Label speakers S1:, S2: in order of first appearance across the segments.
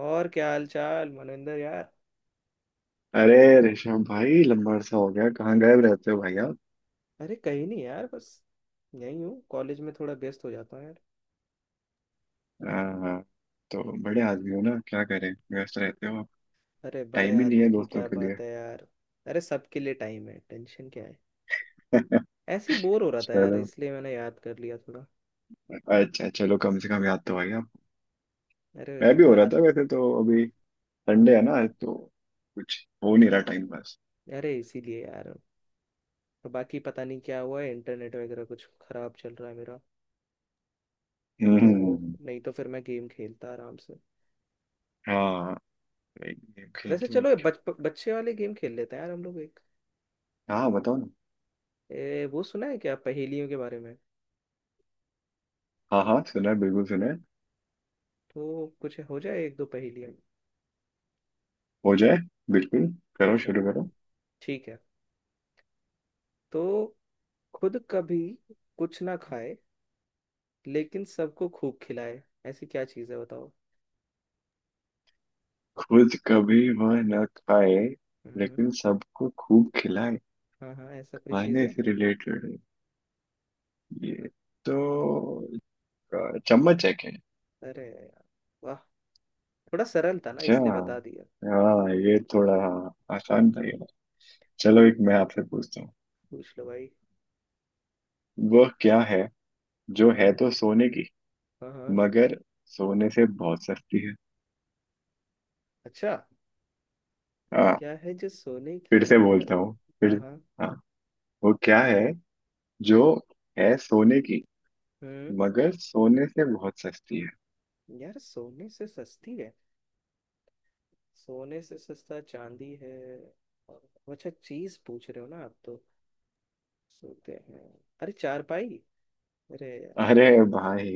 S1: और क्या हाल चाल मनविंदर यार।
S2: अरे ऋषभ भाई, लंबा अरसा हो गया। कहाँ गायब रहते हो भाई आप?
S1: अरे कहीं नहीं यार, बस यहीं हूँ, कॉलेज में थोड़ा व्यस्त हो जाता हूँ यार।
S2: आ, तो बड़े आदमी हो ना, क्या करें। व्यस्त रहते हो आप।
S1: अरे बड़े
S2: टाइम ही नहीं है
S1: आदमी की
S2: दोस्तों
S1: क्या
S2: के लिए।
S1: बात है यार। अरे सबके लिए टाइम है, टेंशन क्या है। ऐसे ही बोर हो रहा था यार,
S2: चलो,
S1: इसलिए मैंने याद कर लिया थोड़ा।
S2: अच्छा चलो, कम से कम याद तो आई आप।
S1: अरे
S2: मैं भी हो रहा
S1: याद।
S2: था वैसे तो अभी।
S1: हाँ
S2: संडे है
S1: हाँ।
S2: ना आज तो। कुछ हो नहीं रहा, टाइम पास।
S1: अरे इसीलिए यार। और बाकी पता नहीं क्या हुआ है, इंटरनेट वगैरह कुछ खराब चल रहा है मेरा, तो
S2: हम्म।
S1: नहीं तो फिर मैं गेम खेलता आराम से।
S2: हाँ, एक गेम
S1: वैसे
S2: खेलते हैं, और
S1: चलो ये
S2: क्या।
S1: बच्चे वाले गेम खेल लेते हैं यार, हम लोग एक।
S2: हाँ बताओ ना।
S1: वो सुना है क्या पहेलियों के बारे में?
S2: हाँ हाँ, सुना है, बिल्कुल सुना है।
S1: तो कुछ हो जाए एक दो पहेलियाँ।
S2: हो जाए, बिल्कुल। करो,
S1: चल,
S2: शुरू करो।
S1: ठीक है। तो खुद कभी कुछ ना खाए, लेकिन सबको खूब खिलाए, ऐसी क्या चीज़ है बताओ।
S2: खुद कभी वह न खाए,
S1: हम्म।
S2: लेकिन सबको खूब खिलाए।
S1: हाँ हाँ, ऐसा कोई चीज़
S2: खाने
S1: है।
S2: से रिलेटेड है ये तो। चम्मच है क्या?
S1: अरे यार, वाह। थोड़ा सरल था ना
S2: अच्छा,
S1: इसलिए बता दिया।
S2: हाँ ये थोड़ा आसान था ये। चलो एक मैं आपसे पूछता हूँ।
S1: पूछ लो भाई।
S2: वह क्या है जो है
S1: हाँ
S2: तो सोने की,
S1: हाँ हाँ।
S2: मगर सोने से बहुत सस्ती है।
S1: अच्छा,
S2: हाँ।
S1: क्या है जो सोने की
S2: फिर से
S1: है?
S2: बोलता हूँ फिर।
S1: हाँ हाँ।
S2: हाँ, वो क्या है जो है सोने की,
S1: हम्म,
S2: मगर सोने से बहुत सस्ती है।
S1: यार सोने से सस्ती है। सोने से सस्ता चांदी है। और- अच्छा चीज पूछ रहे हो ना आप तो। सोते हैं। अरे चार पाई। अरे
S2: अरे भाई,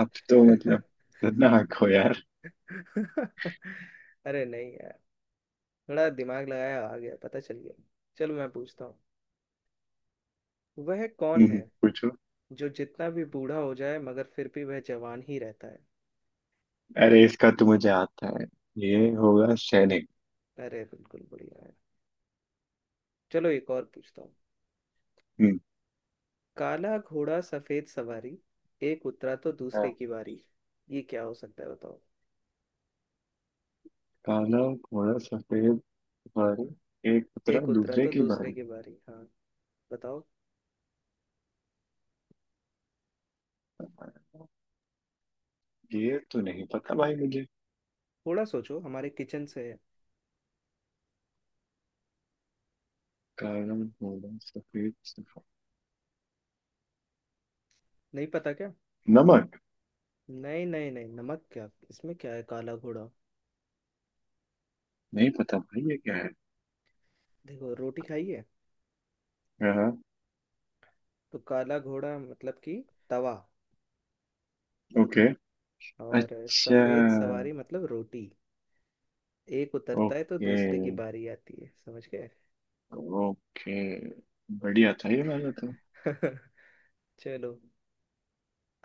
S2: आप तो
S1: यार।
S2: मतलब खतरनाक हो यार।
S1: अरे नहीं यार, थोड़ा दिमाग लगाया आ गया, पता चल गया। चलो मैं पूछता हूँ। वह कौन है
S2: पूछो।
S1: जो जितना भी बूढ़ा हो जाए मगर फिर भी वह जवान ही रहता है?
S2: अरे, इसका तो मुझे आता है। ये होगा सैनिक।
S1: अरे बिल्कुल बढ़िया है। चलो एक और पूछता हूँ।
S2: हम्म।
S1: काला घोड़ा सफेद सवारी, एक उतरा तो दूसरे
S2: हाँ।
S1: की बारी। ये क्या हो सकता है बताओ।
S2: काला घोड़ा सफेद बारी, एक उतरा
S1: एक उतरा
S2: दूसरे
S1: तो
S2: की
S1: दूसरे
S2: बारी।
S1: की बारी, हाँ बताओ।
S2: ये तो नहीं पता भाई मुझे।
S1: थोड़ा सोचो, हमारे किचन से है।
S2: काला घोड़ा सफेद सफेद।
S1: नहीं पता क्या?
S2: नमक।
S1: नहीं नहीं नहीं, नमक क्या, इसमें क्या है काला घोड़ा?
S2: नहीं पता भाई ये क्या है।
S1: देखो, रोटी खाई है?
S2: हाँ।
S1: तो काला घोड़ा मतलब कि तवा,
S2: ओके।
S1: और
S2: अच्छा,
S1: सफेद सवारी मतलब रोटी। एक उतरता है तो
S2: ओके,
S1: दूसरे की बारी आती है, समझ गए।
S2: ओके, बढ़िया था ये वाला तो।
S1: चलो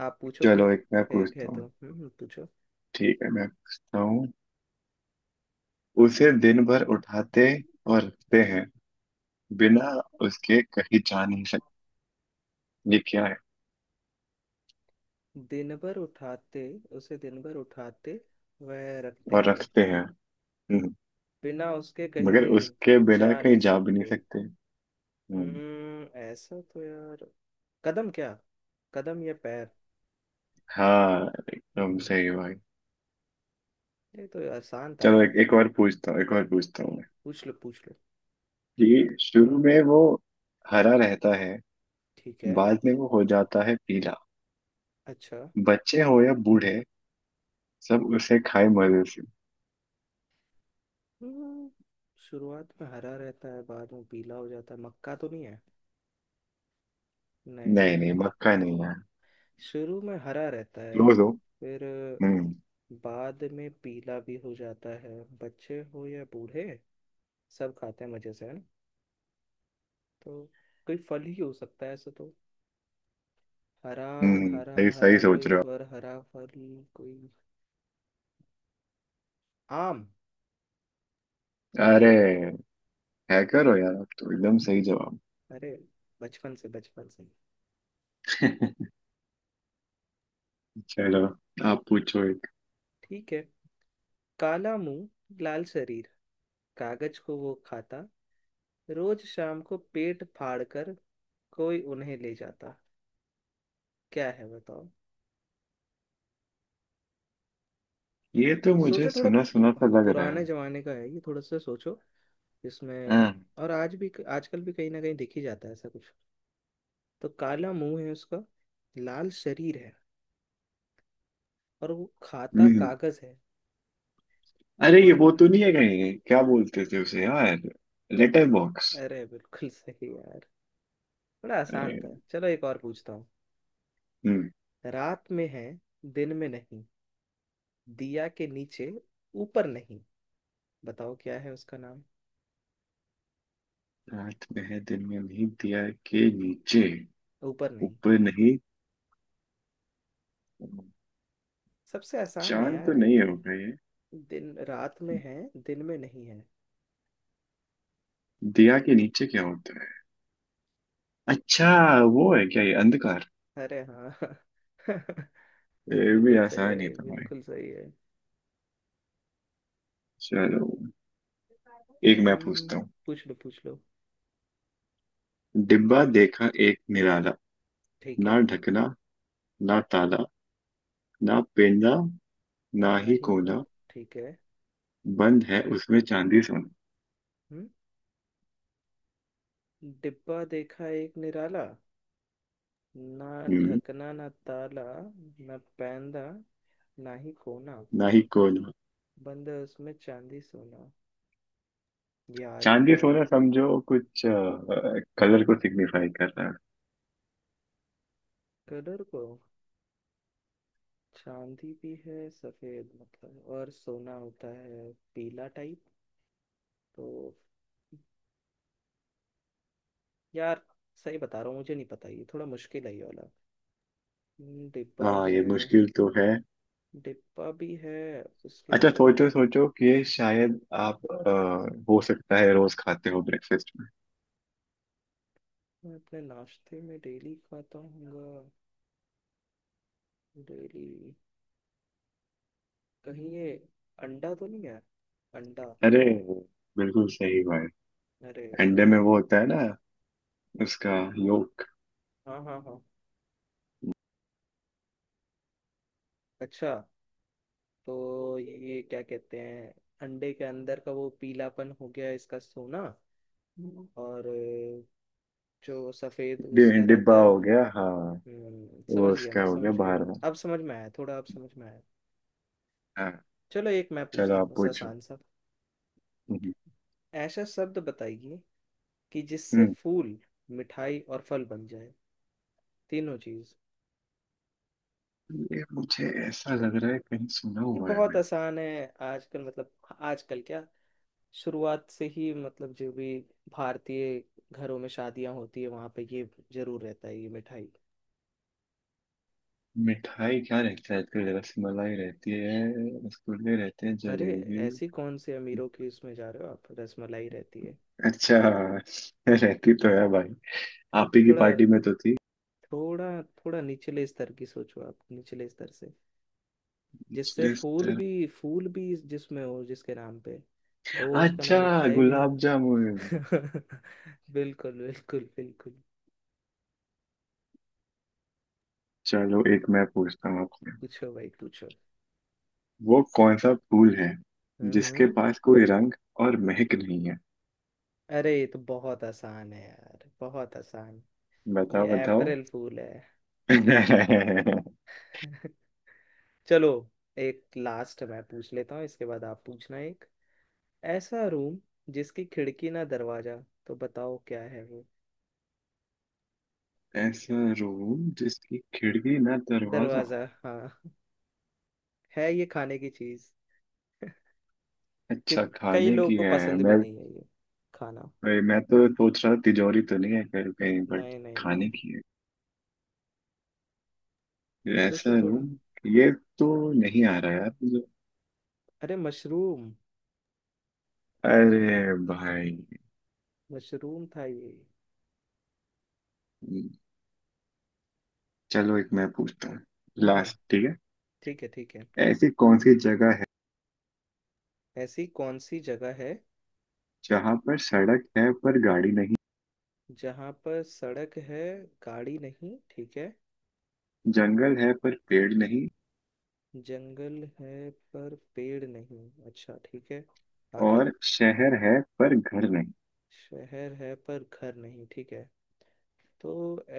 S1: आप पूछो
S2: चलो एक मैं
S1: फिर। एक है
S2: पूछता हूँ।
S1: तो, हम्म, पूछो।
S2: ठीक है, मैं पूछता हूँ। उसे दिन भर उठाते और रखते हैं, बिना उसके कहीं जा नहीं सकते। ये क्या है?
S1: दिन भर उठाते, उसे दिन भर उठाते, वह रखते
S2: और
S1: हैं,
S2: रखते हैं। हम्म,
S1: बिना उसके कहीं
S2: मगर उसके बिना
S1: जा
S2: कहीं
S1: नहीं
S2: जा भी नहीं
S1: सकते।
S2: सकते। हम्म,
S1: ऐसा तो यार, कदम क्या, कदम या पैर।
S2: हाँ, एकदम
S1: हम्म,
S2: सही भाई।
S1: ये तो आसान था
S2: चलो
S1: यार।
S2: एक और पूछता हूँ, एक और पूछता हूँ मैं।
S1: पूछ लो पूछ लो।
S2: कि शुरू में वो हरा रहता है,
S1: ठीक है।
S2: बाद में वो हो जाता है पीला।
S1: अच्छा।
S2: बच्चे हो या बूढ़े, सब उसे खाए मजे से।
S1: हम्म, शुरुआत में हरा रहता है, बाद में पीला हो जाता है, मक्का तो नहीं है? नहीं
S2: नहीं नहीं,
S1: नहीं।
S2: मक्का नहीं है।
S1: शुरू में हरा रहता है,
S2: क्लोज हो।
S1: फिर
S2: हम्म।
S1: बाद में पीला भी हो जाता है, बच्चे हो या बूढ़े सब खाते हैं मजे से, है ना। तो कोई फल ही हो सकता है ऐसा तो। हरा
S2: हम्म,
S1: हरा,
S2: सही
S1: हरा
S2: सही सोच
S1: कोई
S2: रहे हो।
S1: फर, हरा फल, कोई आम।
S2: अरे, हैकर हो यार आप तो। एकदम सही जवाब।
S1: अरे बचपन से, बचपन से।
S2: चलो आप पूछो एक।
S1: ठीक है। काला मुंह, लाल शरीर, कागज को वो खाता, रोज शाम को पेट फाड़ कर कोई उन्हें ले जाता। क्या है बताओ।
S2: ये तो
S1: सोचो
S2: मुझे
S1: थोड़ा,
S2: सुना सुना सा लग रहा
S1: पुराने
S2: है।
S1: जमाने का है ये, थोड़ा सा सोचो इसमें।
S2: हम्म।
S1: और आज भी, आजकल भी कहीं ना कहीं दिख ही जाता है ऐसा कुछ। तो काला मुंह है उसका, लाल शरीर है, और वो खाता
S2: हम्म,
S1: कागज है।
S2: अरे ये
S1: कोई
S2: वो
S1: न...
S2: तो नहीं है कहीं? क्या बोलते थे उसे यार। Letter box.
S1: अरे बिल्कुल सही यार। बड़ा आसान
S2: अरे।
S1: था, चलो एक और पूछता हूँ।
S2: हम्म।
S1: रात में है, दिन में नहीं, दिया के नीचे, ऊपर नहीं। बताओ क्या है उसका नाम।
S2: रात में है दिन में नहीं, दिया के नीचे
S1: ऊपर नहीं।
S2: ऊपर नहीं।
S1: सबसे आसान है
S2: चांद
S1: यार
S2: तो
S1: ये
S2: नहीं
S1: तो।
S2: होगा ये।
S1: दिन, रात में है, दिन में नहीं है।
S2: दिया के नीचे क्या होता है? अच्छा, वो है क्या ये, अंधकार?
S1: अरे हाँ। बिल्कुल सही है,
S2: ये भी आसान ही था भाई।
S1: बिल्कुल सही है।
S2: चलो एक मैं
S1: हम्म,
S2: पूछता हूँ।
S1: पूछ लो पूछ लो।
S2: डिब्बा देखा एक निराला,
S1: ठीक
S2: ना
S1: है।
S2: ढकना ना ताला, ना पेंदा ना ही
S1: वही को।
S2: कोना,
S1: ठीक है।
S2: बंद है उसमें चांदी सोना।
S1: हम्म। डिब्बा देखा एक निराला, ना
S2: हम्म।
S1: ढकना ना ताला, ना पैंदा ना ही कोना,
S2: ना ही कोना।
S1: बंद है उसमें चांदी सोना। यार ये
S2: चांदी
S1: तो।
S2: सोना समझो, कुछ कलर को सिग्निफाई कर रहा है।
S1: कलर को, चांदी भी है सफेद मतलब, और सोना होता है पीला टाइप। तो यार सही बता रहा हूँ, मुझे नहीं पता, ये थोड़ा मुश्किल है ये वाला। डिब्बा
S2: हाँ,
S1: है।
S2: ये मुश्किल तो है।
S1: डिब्बा भी है, उसके
S2: अच्छा
S1: ऊपर।
S2: सोचो सोचो, कि ये शायद आप हो सकता है रोज खाते हो ब्रेकफास्ट में।
S1: मैं अपने नाश्ते में डेली खाता हूँ, डेली। कहीं ये अंडा तो नहीं है, अंडा?
S2: अरे बिल्कुल सही भाई।
S1: अरे
S2: अंडे में वो होता है ना, उसका योक।
S1: हाँ हाँ हाँ। अच्छा, तो ये क्या कहते हैं, अंडे के अंदर का वो पीलापन हो गया इसका सोना। हम्म। और जो सफेद उसका
S2: डिब्बा
S1: रहता है
S2: हो
S1: वो।
S2: गया, हाँ।
S1: हम्म,
S2: वो
S1: समझ गया,
S2: उसका
S1: मैं
S2: हो गया
S1: समझ गया।
S2: बाहर
S1: अब समझ में आया थोड़ा, अब समझ में आया।
S2: में।
S1: चलो एक मैं
S2: चलो
S1: पूछता हूँ,
S2: आप
S1: बस
S2: पूछो।
S1: आसान सा।
S2: हम्म।
S1: ऐसा शब्द बताइए कि जिससे
S2: हम्म,
S1: फूल, मिठाई और फल बन जाए, तीनों चीज।
S2: ये मुझे ऐसा लग रहा है कहीं सुना
S1: ये
S2: हुआ है
S1: बहुत
S2: मैं।
S1: आसान है आजकल मतलब, आजकल क्या, शुरुआत से ही मतलब, जो भी भारतीय घरों में शादियां होती है वहां पे ये जरूर रहता है, ये मिठाई।
S2: मिठाई क्या रहता है आजकल, जरा सी मलाई रहती है, रसगुल्ले रहते हैं,
S1: अरे
S2: जलेबी।
S1: ऐसी कौन से अमीरों की उसमें जा रहे हो आप, रसमलाई रहती है।
S2: अच्छा, रहती तो है भाई, आप
S1: ये
S2: ही की
S1: थोड़ा,
S2: पार्टी में तो थी।
S1: थोड़ा निचले स्तर की सोचो आप, निचले स्तर से। जिससे
S2: पिछले
S1: फूल
S2: स्तर।
S1: भी, फूल भी जिसमें हो, जिसके नाम पे हो, उसका नाम
S2: अच्छा,
S1: मिठाई भी हो।
S2: गुलाब जामुन।
S1: बिल्कुल बिल्कुल बिल्कुल।
S2: चलो एक मैं पूछता हूँ आपसे।
S1: पूछो भाई पूछो।
S2: वो कौन सा फूल है जिसके
S1: हम्म।
S2: पास कोई रंग और महक नहीं है?
S1: अरे ये तो बहुत आसान है यार, बहुत आसान। ये
S2: बताओ बताओ।
S1: अप्रैल फूल है। चलो एक लास्ट मैं पूछ लेता हूँ, इसके बाद आप पूछना एक। ऐसा रूम जिसकी खिड़की ना दरवाजा, तो बताओ क्या है वो।
S2: ऐसा रूम जिसकी खिड़की ना दरवाजा।
S1: दरवाजा हाँ। है ये खाने की चीज, कि
S2: अच्छा,
S1: कई
S2: खाने
S1: लोगों
S2: की
S1: को
S2: है।
S1: पसंद भी
S2: मैं
S1: नहीं है ये खाना।
S2: मैं तो सोच रहा, तिजोरी तो नहीं है कहीं कहीं, बट
S1: नहीं नहीं
S2: खाने
S1: नहीं,
S2: की है ऐसा
S1: सोचो थोड़ा।
S2: रूम। ये तो नहीं आ रहा यार मुझे।
S1: अरे मशरूम।
S2: अरे भाई।
S1: मशरूम था ये।
S2: चलो एक मैं पूछता हूँ,
S1: हम्म हम्म,
S2: लास्ट, ठीक है।
S1: ठीक है ठीक है।
S2: ऐसी कौन सी जगह है
S1: ऐसी कौन सी जगह है
S2: जहाँ पर सड़क है पर गाड़ी नहीं,
S1: जहाँ पर सड़क है, गाड़ी नहीं, ठीक है।
S2: जंगल है पर पेड़ नहीं,
S1: जंगल है पर पेड़ नहीं, अच्छा ठीक है, आगे।
S2: और शहर है पर घर नहीं।
S1: शहर है पर घर नहीं, ठीक है। तो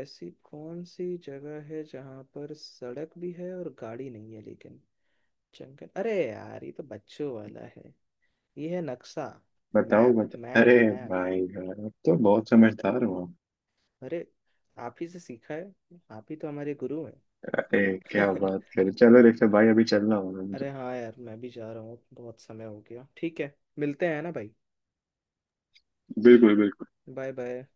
S1: ऐसी कौन सी जगह है जहाँ पर सड़क भी है और गाड़ी नहीं है, लेकिन जंगल, अरे यार ये तो बच्चों वाला है। ये है नक्शा।
S2: बताओ
S1: मैप
S2: बताओ।
S1: मैप
S2: अरे
S1: मैप।
S2: भाई यार, अब तो बहुत समझदार हो।
S1: अरे आप ही से सीखा है, आप ही तो हमारे गुरु हैं।
S2: क्या बात करे, चलो रेखा भाई, अभी चलना होगा
S1: अरे
S2: मुझे।
S1: हाँ यार, मैं भी जा रहा हूँ, बहुत समय हो गया। ठीक है, मिलते हैं ना भाई।
S2: बिल्कुल बिल्कुल।
S1: Bye bye.